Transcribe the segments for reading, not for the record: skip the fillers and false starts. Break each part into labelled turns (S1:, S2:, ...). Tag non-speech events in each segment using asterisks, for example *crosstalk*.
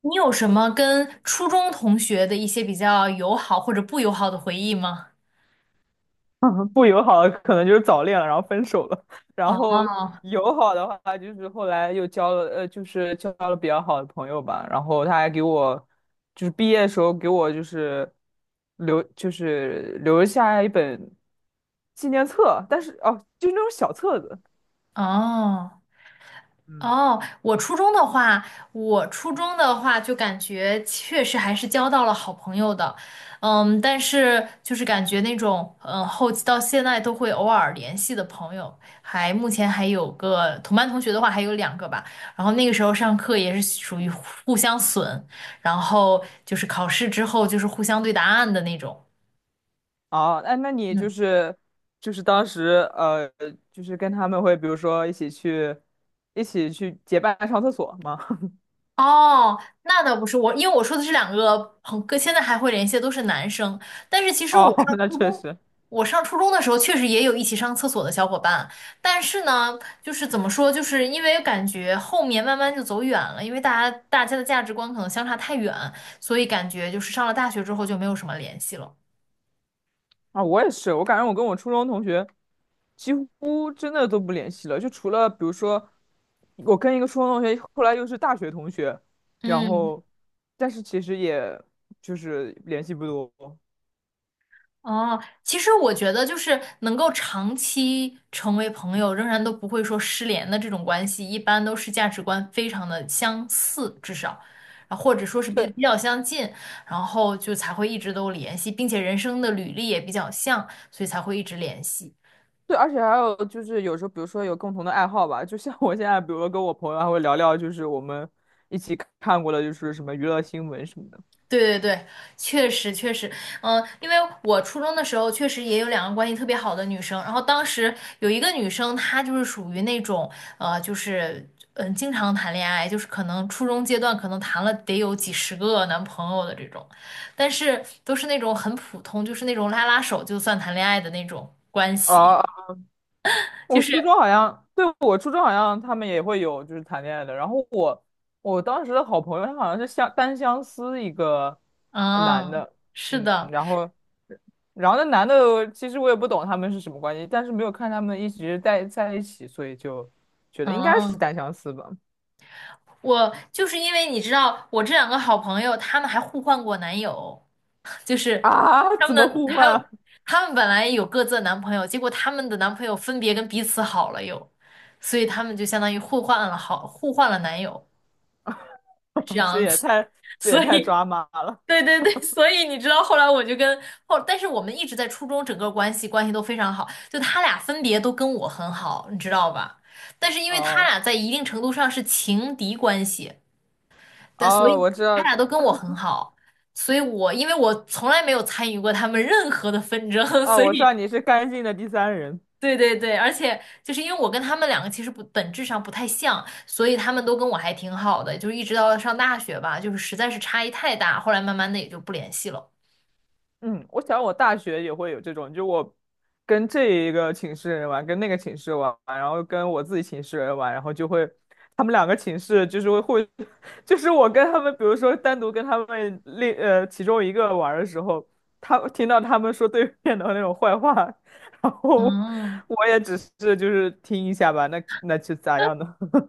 S1: 你有什么跟初中同学的一些比较友好或者不友好的回忆吗？
S2: *laughs* 不友好的可能就是早恋了，然后分手了，然后
S1: 哦
S2: 友好的话就是后来又交了，就是交了比较好的朋友吧，然后他还给我，就是毕业的时候给我就是留下一本纪念册，但是哦，就是那种小册子。
S1: 哦
S2: 嗯，
S1: 哦，我初中的话，就感觉确实还是交到了好朋友的。嗯，但是就是感觉那种后期到现在都会偶尔联系的朋友，还目前还有个同班同学的话还有两个吧。然后那个时候上课也是属于互相损，然后就是考试之后就是互相对答案的那种。
S2: 哦，那你就
S1: 嗯。
S2: 是就是当时就是跟他们会比如说一起去结伴上厕所吗？*laughs*
S1: 哦，那倒不是我，因为我说的是两个朋哥，现在还会联系的都是男生。但是其实我
S2: 哦，
S1: 上
S2: 那
S1: 初
S2: 确
S1: 中，
S2: 实。
S1: 我上初中的时候确实也有一起上厕所的小伙伴，但是呢，就是怎么说，就是因为感觉后面慢慢就走远了，因为大家的价值观可能相差太远，所以感觉就是上了大学之后就没有什么联系了。
S2: 啊，我也是，我感觉我跟我初中同学几乎真的都不联系了，就除了比如说，我跟一个初中同学，后来又是大学同学，然
S1: 嗯。
S2: 后，但是其实也就是联系不多。
S1: 哦，其实我觉得就是能够长期成为朋友，仍然都不会说失联的这种关系，一般都是价值观非常的相似，至少，啊，或者说是
S2: 对
S1: 比较相近，然后就才会一直都联系，并且人生的履历也比较像，所以才会一直联系。
S2: 对，而且还有就是有时候，比如说有共同的爱好吧，就像我现在，比如说跟我朋友还会聊聊，就是我们一起看过的，就是什么娱乐新闻什么的。
S1: 对对对，确实确实，嗯，因为我初中的时候确实也有两个关系特别好的女生，然后当时有一个女生，她就是属于那种，就是经常谈恋爱，就是可能初中阶段可能谈了得有几十个男朋友的这种，但是都是那种很普通，就是那种拉拉手就算谈恋爱的那种关系，
S2: 哦
S1: *laughs* 就
S2: 我
S1: 是
S2: 初中好像，对，我初中好像他们也会有就是谈恋爱的。然后我当时的好朋友，他好像是相单相思一个男
S1: 嗯，
S2: 的，
S1: 是
S2: 嗯，
S1: 的，
S2: 然后然后那男的其实我也不懂他们是什么关系，但是没有看他们一直在一起，所以就觉得应该是
S1: 嗯。
S2: 单相思吧。
S1: 我就是因为你知道，我这两个好朋友，他们还互换过男友，*laughs* 就是
S2: 啊，*laughs*
S1: 他们
S2: 怎么
S1: 的
S2: 互换
S1: 他们
S2: 啊
S1: 他们本来有各自的男朋友，结果他们的男朋友分别跟彼此好了又，所以他们就相当于互换了互换了男友这
S2: *laughs* 这
S1: 样
S2: 也
S1: 子，
S2: 太
S1: *laughs*
S2: 这也
S1: 所
S2: 太
S1: 以
S2: 抓马了。
S1: 对对对。所以你知道后来我就，但是我们一直在初中整个关系都非常好，就他俩分别都跟我很好，你知道吧？但是因为他
S2: 哦
S1: 俩在一定程度上是情敌关系。但所以
S2: 哦，我知
S1: 他
S2: 道，
S1: 俩都跟我很好，所以我因为我从来没有参与过他们任何的纷争，*laughs*
S2: 哦，
S1: 所
S2: 我知
S1: 以
S2: 道你是干净的第三人。
S1: 对对对。而且就是因为我跟他们两个其实不本质上不太像，所以他们都跟我还挺好的，就是一直到上大学吧，就是实在是差异太大，后来慢慢的也就不联系了。
S2: 嗯，我想我大学也会有这种，就我跟这一个寝室人玩，跟那个寝室玩，然后跟我自己寝室人玩，然后就会他们两个寝室就是会，*laughs* 就是我跟他们，比如说单独跟他们另其中一个玩的时候，他听到他们说对面的那种坏话，*laughs* 然后
S1: 嗯，
S2: 我也只是就是听一下吧，那那就咋样呢？*laughs*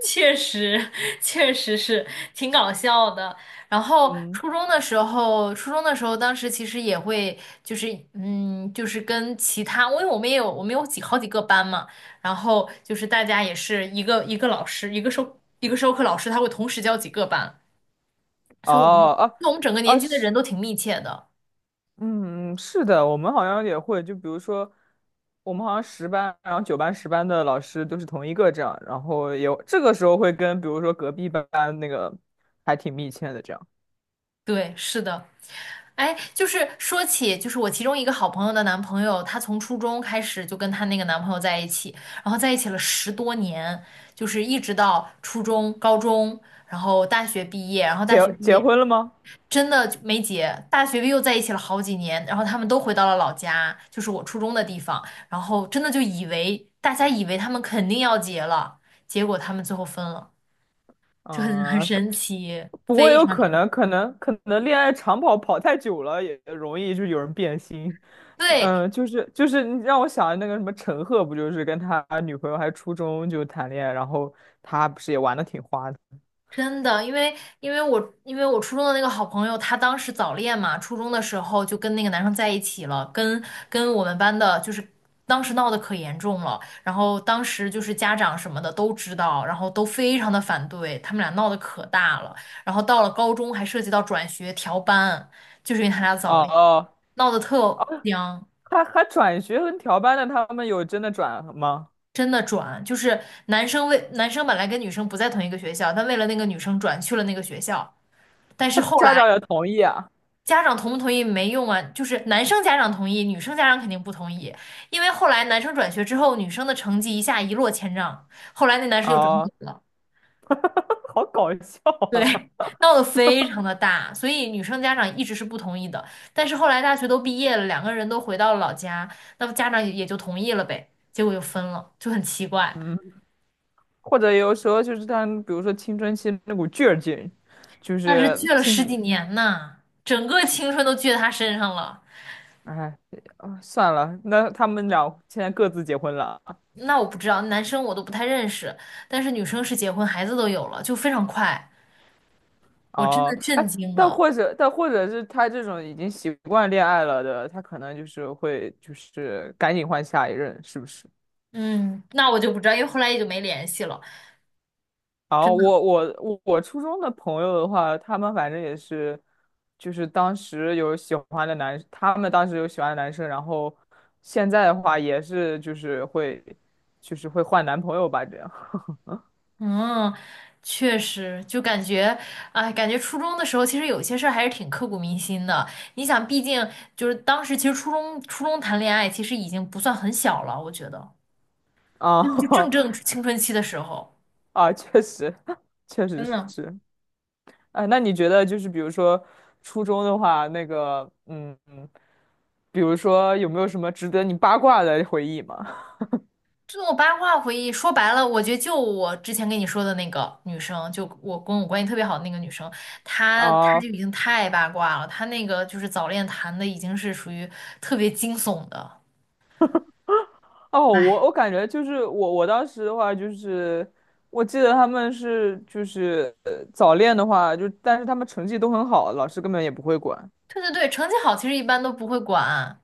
S1: 确实，确实是挺搞笑的。然后
S2: 嗯，
S1: 初中的时候，当时其实也会，就是嗯，就是跟其他，因为我们也有，我们有好几个班嘛，然后就是大家也是一个老师，一个授课老师，他会同时教几个班，
S2: 哦
S1: 所以我们，所
S2: 哦哦，
S1: 以我们整个
S2: 啊
S1: 年
S2: 啊
S1: 级的
S2: 是
S1: 人都挺密切的。
S2: 嗯，是的，我们好像也会，就比如说，我们好像十班，然后九班、十班的老师都是同一个这样，然后也这个时候会跟，比如说隔壁班那个还挺密切的这样。
S1: 对，是的。哎，就是说起，就是我其中一个好朋友的男朋友，他从初中开始就跟她那个男朋友在一起，然后在一起了十多年，就是一直到初中、高中，然后大学毕业，
S2: 结结婚了吗？
S1: 真的就没结，大学毕业又在一起了好几年，然后他们都回到了老家，就是我初中的地方，然后真的就以为他们肯定要结了，结果他们最后分了，就很
S2: 嗯、可
S1: 神奇，
S2: 不过
S1: 非
S2: 有
S1: 常。
S2: 可能，可能恋爱长跑跑太久了，也容易就有人变心。
S1: 对，
S2: 嗯、就是就是你让我想那个什么陈赫，不就是跟他女朋友还初中就谈恋爱，然后他不是也玩的挺花的。
S1: 真的，因为因为我初中的那个好朋友，她当时早恋嘛，初中的时候就跟那个男生在一起了，跟我们班的，就是当时闹得可严重了，然后当时就是家长什么的都知道，然后都非常的反对，他们俩闹得可大了，然后到了高中还涉及到转学调班，就是因为他俩
S2: 哦
S1: 早恋，
S2: 哦，
S1: 闹得特僵。
S2: 他还转学跟调班的，他们有真的转吗？
S1: 真的转，就是男生本来跟女生不在同一个学校，但为了那个女生转去了那个学校。但是
S2: 他
S1: 后
S2: 家
S1: 来
S2: 长也同意啊？
S1: 家长同不同意没用啊，就是男生家长同意，女生家长肯定不同意，因为后来男生转学之后，女生的成绩一下一落千丈，后来那男生又转
S2: 哦，
S1: 走了。
S2: *laughs* 好搞笑
S1: 对，
S2: 啊！
S1: *laughs* 闹得非常的大，所以女生家长一直是不同意的，但是后来大学都毕业了，两个人都回到了老家，那么家长也也就同意了呗，结果又分了，就很奇
S2: *laughs*
S1: 怪，
S2: 嗯，或者有时候就是他们比如说青春期那股劲儿劲，就
S1: 那是
S2: 是
S1: 倔了
S2: 青
S1: 十
S2: 春，
S1: 几年呐，整个青春都倔他身上了。
S2: 哎，啊算了，那他们俩现在各自结婚了。
S1: 那我不知道，男生我都不太认识，但是女生是结婚，孩子都有了，就非常快。我真的
S2: 哦，
S1: 震
S2: 哎，
S1: 惊了。
S2: 但或者是他这种已经习惯恋爱了的，他可能就是会就是赶紧换下一任，是不是？
S1: 嗯，那我就不知道，因为后来也就没联系了。
S2: 啊，
S1: 真的，
S2: 我初中的朋友的话，他们反正也是，就是当时有喜欢的男，他们当时有喜欢的男生，然后现在的话也是就是会，就是会换男朋友吧，这样
S1: 嗯，确实，就感觉，哎，感觉初中的时候，其实有些事儿还是挺刻骨铭心的。你想，毕竟就是当时，其实初中谈恋爱，其实已经不算很小了，我觉得，
S2: 啊
S1: 真的就正青春期的时候，
S2: *laughs* 啊，确实 *laughs* 确实
S1: 真的。
S2: 是，啊。那你觉得就是比如说初中的话，那个比如说有没有什么值得你八卦的回忆吗？
S1: 这种八卦回忆，说白了，我觉得就我之前跟你说的那个女生，就我跟我关系特别好的那个女生，
S2: *laughs*
S1: 她
S2: 啊
S1: 就已经太八卦了，她那个就是早恋谈的已经是属于特别惊悚的。
S2: 哦，我
S1: 哎，
S2: 我感觉就是我当时的话就是，我记得他们是就是早恋的话，就但是他们成绩都很好，老师根本也不会管，
S1: 对对对，成绩好其实一般都不会管，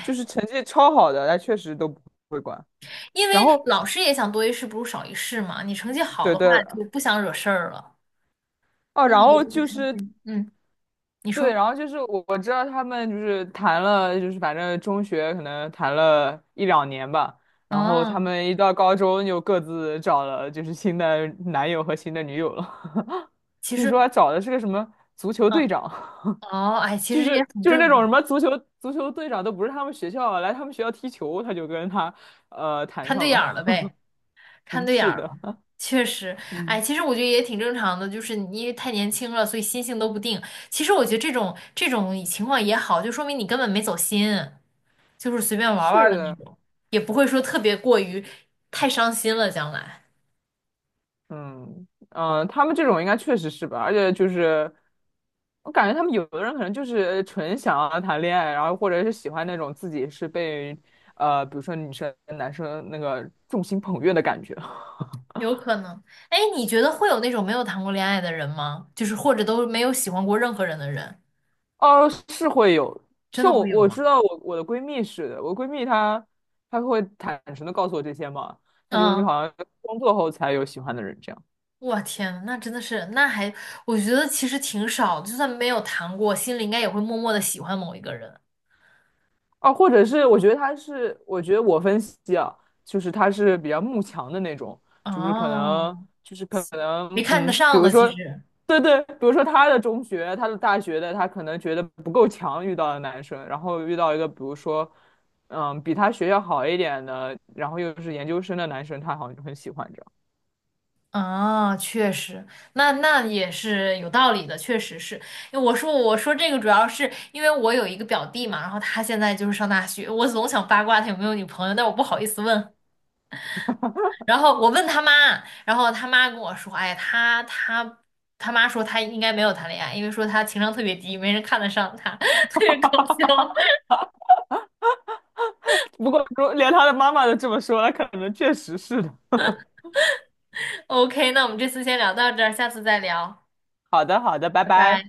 S2: 就是成绩超好的，他确实都不会管。
S1: 因为
S2: 然后
S1: 老师也想多一事不如少一事嘛，你成绩好
S2: 对
S1: 的话
S2: 对
S1: 就不想惹事儿了，
S2: 哦，
S1: 闹
S2: 然
S1: 得
S2: 后
S1: 就不开
S2: 就是
S1: 嗯，你
S2: 对，
S1: 说，
S2: 然后就是我知道他们就是谈了，就是反正中学可能谈了一两年吧，然后他
S1: 嗯，
S2: 们一到高中就各自找了就是新的男友和新的女友了。*laughs*
S1: 其
S2: 听说
S1: 实，
S2: 还找的是个什么足球队
S1: 嗯，
S2: 长。
S1: 哦，哎，其
S2: 就
S1: 实这也
S2: 是
S1: 很
S2: 就是那
S1: 正
S2: 种什
S1: 常，
S2: 么足球队长都不是他们学校的来他们学校踢球，他就跟他谈
S1: 看对
S2: 上
S1: 眼
S2: 了。
S1: 儿了
S2: *laughs*
S1: 呗。看
S2: 嗯，
S1: 对眼
S2: 是
S1: 儿
S2: 的，
S1: 了，确实。哎，
S2: 嗯，
S1: 其实我觉得也挺正常的，就是你因为太年轻了，所以心性都不定。其实我觉得这种情况也好，就说明你根本没走心，就是随便玩儿玩儿
S2: 是
S1: 的那
S2: 的，
S1: 种，也不会说特别过于太伤心了，将来
S2: 嗯嗯、他们这种应该确实是吧？而且就是我感觉他们有的人可能就是纯想要谈恋爱，然后或者是喜欢那种自己是被比如说女生男生那个众星捧月的感觉。
S1: 有可能。哎，你觉得会有那种没有谈过恋爱的人吗？就是或者都没有喜欢过任何人的人，
S2: 哦，是会有。
S1: 真的
S2: 像我
S1: 会有
S2: 我
S1: 吗？
S2: 知道我的闺蜜是的，我闺蜜她会坦诚的告诉我这些嘛，她就是
S1: 嗯，
S2: 好像工作后才有喜欢的人这样。
S1: 我天呐那真的是，那还，我觉得其实挺少，就算没有谈过，心里应该也会默默的喜欢某一个人。
S2: 哦，或者是我觉得他是，我觉得我分析啊，就是他是比较慕强的那种，就是可能，
S1: 哦，
S2: 就是可
S1: 没
S2: 能，
S1: 看得
S2: 嗯，比
S1: 上
S2: 如
S1: 的其
S2: 说，
S1: 实。
S2: 对对，比如说他的中学、他的大学的，他可能觉得不够强，遇到的男生，然后遇到一个比如说，嗯，比他学校好一点的，然后又是研究生的男生，他好像就很喜欢这样。
S1: 啊，确实，那那也是有道理的，确实是。因为我说这个主要是因为我有一个表弟嘛，然后他现在就是上大学，我总想八卦他有没有女朋友，但我不好意思问。然后我问他妈，然后他妈跟我说，哎，他他妈说他应该没有谈恋爱，因为说他情商特别低，没人看得上他，*laughs* 特别搞笑。
S2: *laughs* 不过如连他的妈妈都这么说，了，可能确实是的。
S1: *laughs* OK，那我们这次先聊到这儿，下次再聊，
S2: 好的，好的，拜
S1: 拜拜。
S2: 拜。